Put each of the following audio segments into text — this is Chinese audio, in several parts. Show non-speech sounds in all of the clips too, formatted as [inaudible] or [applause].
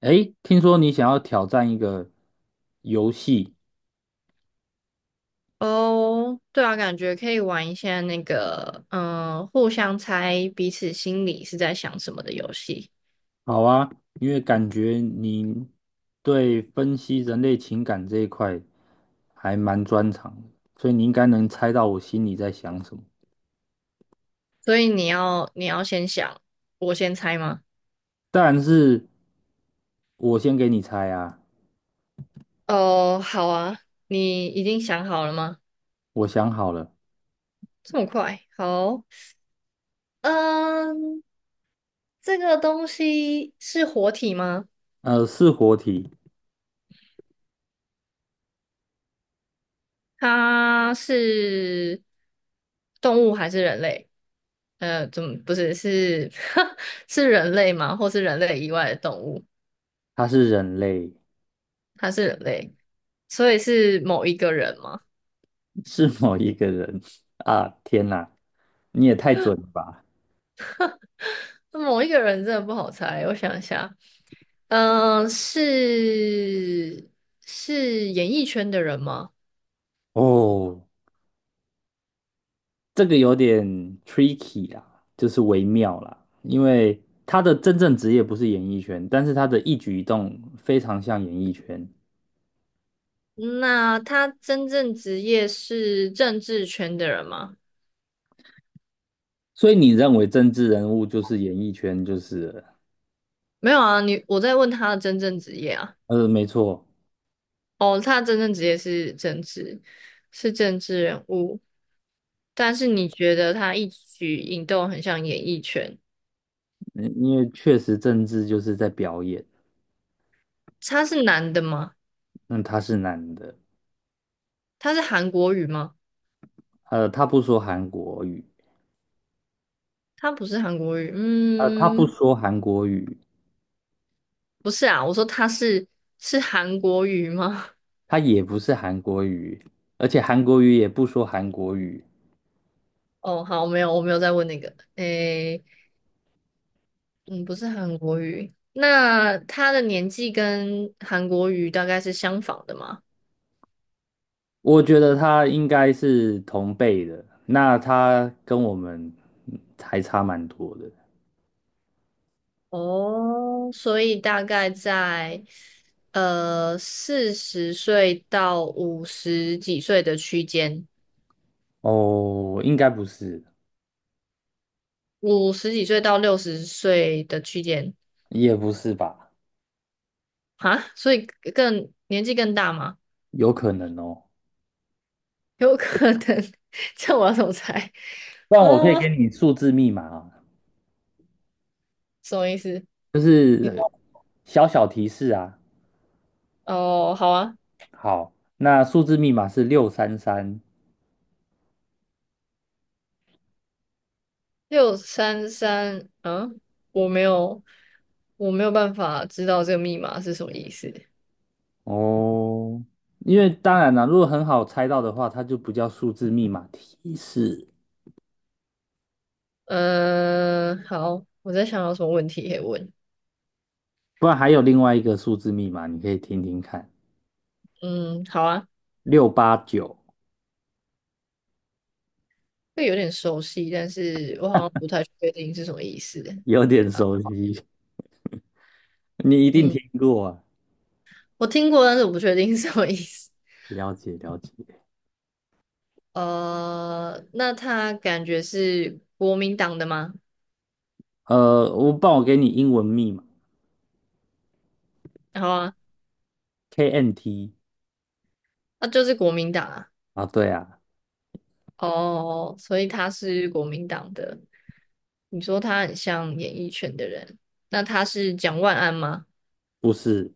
诶，听说你想要挑战一个游戏，哦，对啊，感觉可以玩一下那个，互相猜彼此心里是在想什么的游戏。好啊，因为感觉你对分析人类情感这一块还蛮专长的，所以你应该能猜到我心里在想什么。所以你要先想，我先猜吗？但是，我先给你猜啊，哦，好啊，你已经想好了吗？我想好了，这么快？好，嗯，这个东西是活体吗？是活体，它是动物还是人类？呃，怎么不是 [laughs] 是人类吗？或是人类以外的动物？它是人类，他是人类，所以是某一个人吗？是某一个人 [laughs] 啊，天哪，你也太准了吧！那某一个人真的不好猜，我想一下，嗯、是是演艺圈的人吗？哦，这个有点 tricky 啦，就是微妙啦，因为他的真正职业不是演艺圈，但是他的一举一动非常像演艺圈，那他真正职业是政治圈的人吗？所以你认为政治人物就是演艺圈就是了没有啊，你我在问他的真正职业啊。没错。哦，他的真正职业是政治，是政治人物，但是你觉得他一举一动很像演艺圈？嗯因为确实政治就是在表演，他是男的吗？那他是男的，他是韩国语吗？他不说韩国语，他不是韩国语，呃，他不嗯，说韩国语，不是啊，我说他是韩国语吗？[laughs] 他也不是韩国语，而且韩国语也不说韩国语，哦，好，没有，我没有再问那个，诶，嗯，不是韩国语，那他的年纪跟韩国语大概是相仿的吗？我觉得他应该是同辈的，那他跟我们还差蛮多的。哦，所以大概在40岁到五十几岁的区间，哦，应该不是，五十几岁到60岁的区间，也不是吧？啊，所以更年纪更大吗？有可能哦。有可能，[laughs] 这我要怎么猜？不然啊，我可以给你数字密码啊，什么意思？就是你小小提示啊。哦，好啊，好，那数字密码是六三三。六三三，我没有，我没有办法知道这个密码是什么意思。哦，因为当然啦，如果很好猜到的话，它就不叫数字密码提示。嗯、好，我在想有什么问题可以问。不然还有另外一个数字密码，你可以听听看，嗯，好啊，689。这有点熟悉，但是我好像不太确定是什么意思。有点熟悉，[laughs] 你一定嗯，听过啊。我听过，但是我不确定是什么意思。了解了解，那他感觉是国民党的吗？我给你英文密码 好啊，KNT。 那就是国民党啊。啊，对啊，哦，所以他是国民党的。你说他很像演艺圈的人，那他是蒋万安吗？不是，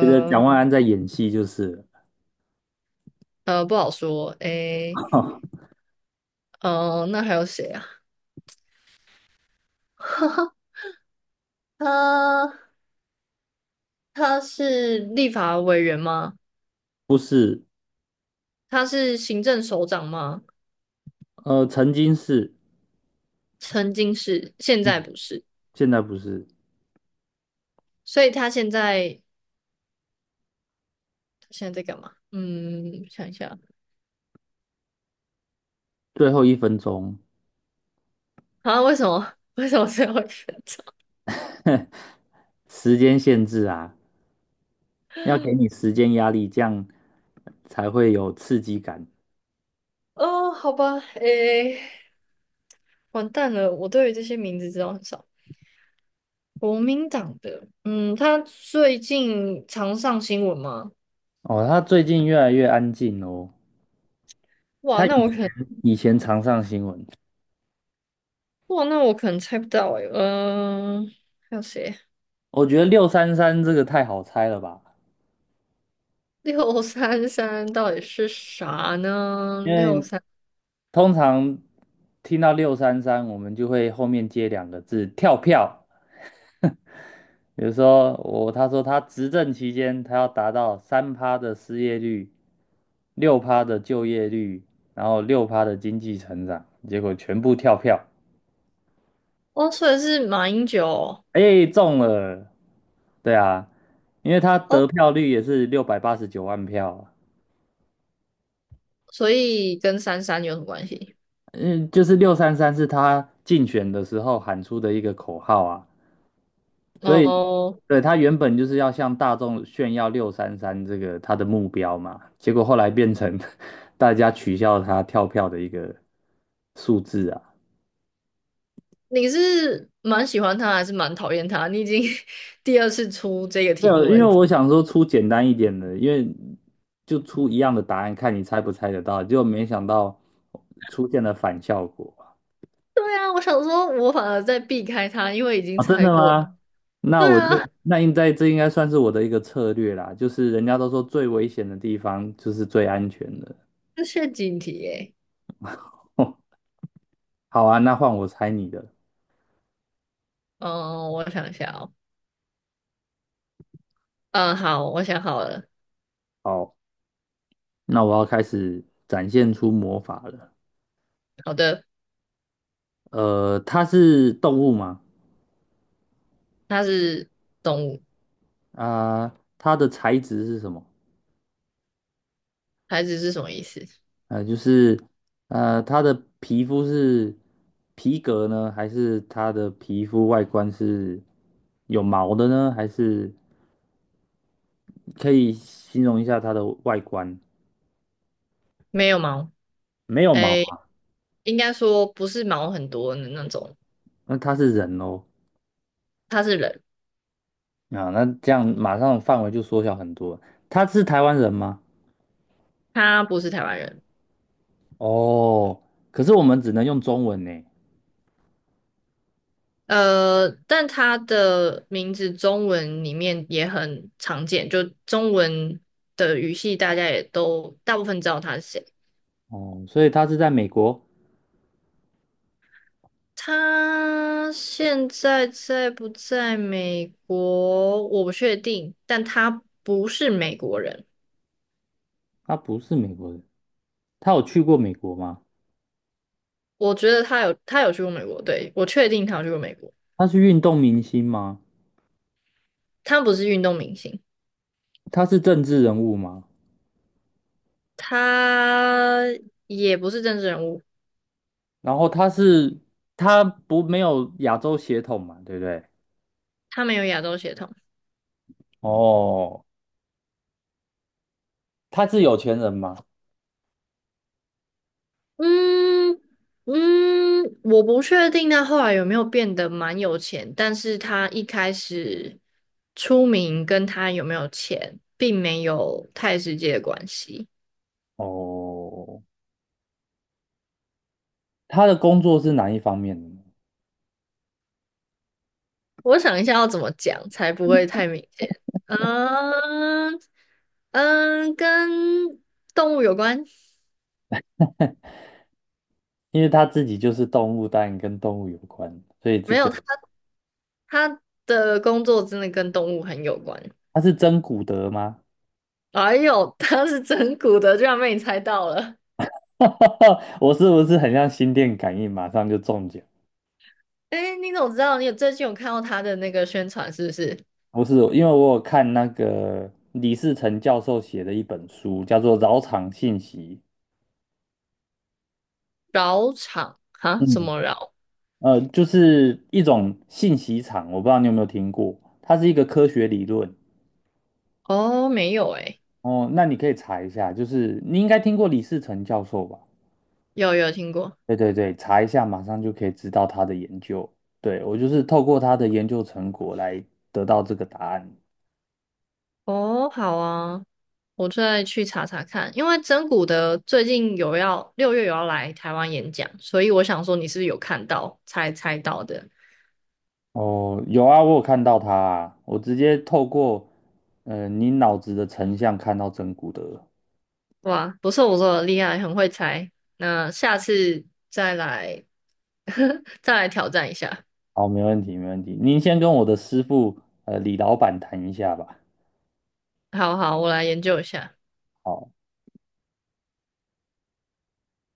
觉得蒋万安在演戏就是不好说。诶，了，[laughs] 那还有谁啊？[laughs] 他他是立法委员吗？不是，他是行政首长吗？曾经是，曾经是，现在嗯，不是。现在不是，所以他现在在干嘛？嗯，想一下最后一分钟，啊，为什么 [laughs] 为什么最后一个？[laughs] 时间限制啊，要给你时间压力，这样才会有刺激感。哦，好吧，诶。完蛋了，我对于这些名字知道很少。国民党的，嗯，他最近常上新闻吗？哦，他最近越来越安静哦，哇，那我可能，以前常上新闻，哇，那我可能猜不到诶、还有谁？我觉得六三三这个太好猜了吧，六三三到底是啥呢？因为通常听到六三三，我们就会后面接两个字跳票。比如说他说他执政期间，他要达到3趴的失业率，六趴的就业率，然后六趴的经济成长，结果全部跳票，哦，所以是马英九哦，哎，中了。对啊，因为他哦，得票率也是689万票啊。所以跟三三有什么关系？嗯，就是六三三是他竞选的时候喊出的一个口号啊，所以哦，对他原本就是要向大众炫耀六三三这个他的目标嘛，结果后来变成 [laughs] 大家取笑他跳票的一个数字啊。你是蛮喜欢他还是蛮讨厌他？你已经 [laughs] 第二次出这个没题有，目因了，为我想说出简单一点的，因为就出一样的答案，看你猜不猜得到，结果没想到出现了反效果。对啊，我想说，我反而在避开他，因为已经啊，真猜的过了。吗？那对我就啊，那应该这应该算是我的一个策略啦，就是人家都说最危险的地方就是最安全的。这是陷阱题耶。[laughs] 哦，好啊，那换我猜你的。嗯，我想一下哦。嗯，好，我想好了。好，那我要开始展现出魔法了。好的，它是动物吗？他是动物，啊、它的材质是什么？孩子是什么意思？就是它的皮肤是皮革呢，还是它的皮肤外观是有毛的呢？还是可以形容一下它的外观？没有毛。没有毛诶，啊，应该说不是毛很多的那种，那他是人哦。他是人，啊，那这样马上范围就缩小很多。他是台湾人吗？他不是台湾人。哦，可是我们只能用中文呢。呃，但他的名字中文里面也很常见，就中文的语系大家也都大部分知道他是谁。哦，所以他是在美国，他现在在不在美国？我不确定，但他不是美国人。他不是美国人。他有去过美国吗？我觉得他有去过美国，对，我确定他有去过美国。他是运动明星吗？他不是运动明星，他是政治人物吗？他也不是政治人物，然后他是他不没有亚洲血统嘛，对不对？他没有亚洲血统。哦，他是有钱人吗？嗯我不确定他后来有没有变得蛮有钱，但是他一开始出名跟他有没有钱，并没有太直接的关系。哦，他的工作是哪一方面的呢？我想一下要怎么讲才不会太明显。嗯跟动物有关？因为他自己就是动物，当然跟动物有关，所以这没个有，他的工作真的跟动物很有关。他是真古德吗？哎呦，他是整蛊的，居然被你猜到了。[laughs] 我是不是很像心电感应，马上就中奖？哎，你怎么知道？你有最近有看到他的那个宣传是不是？不是，因为我有看那个李世成教授写的一本书，叫做《扰场信息》。饶场哈？什嗯，么饶？就是一种信息场，我不知道你有没有听过，它是一个科学理论。哦，没有哎，哦，那你可以查一下，就是你应该听过李世成教授吧？有有听过。对对对，查一下，马上就可以知道他的研究。对，我就是透过他的研究成果来得到这个答案。哦，好啊。我再去查查看，因为真古的最近有要6月有要来台湾演讲，所以我想说你是不是有看到才猜到的？哦，有啊，我有看到他啊，我直接透过你脑子的成像看到真骨德。哇，不错不错，厉害，很会猜。那下次再来 [laughs] 再来挑战一下。好，没问题，没问题。您先跟我的师傅李老板谈一下吧。好好，我来研究一下。好。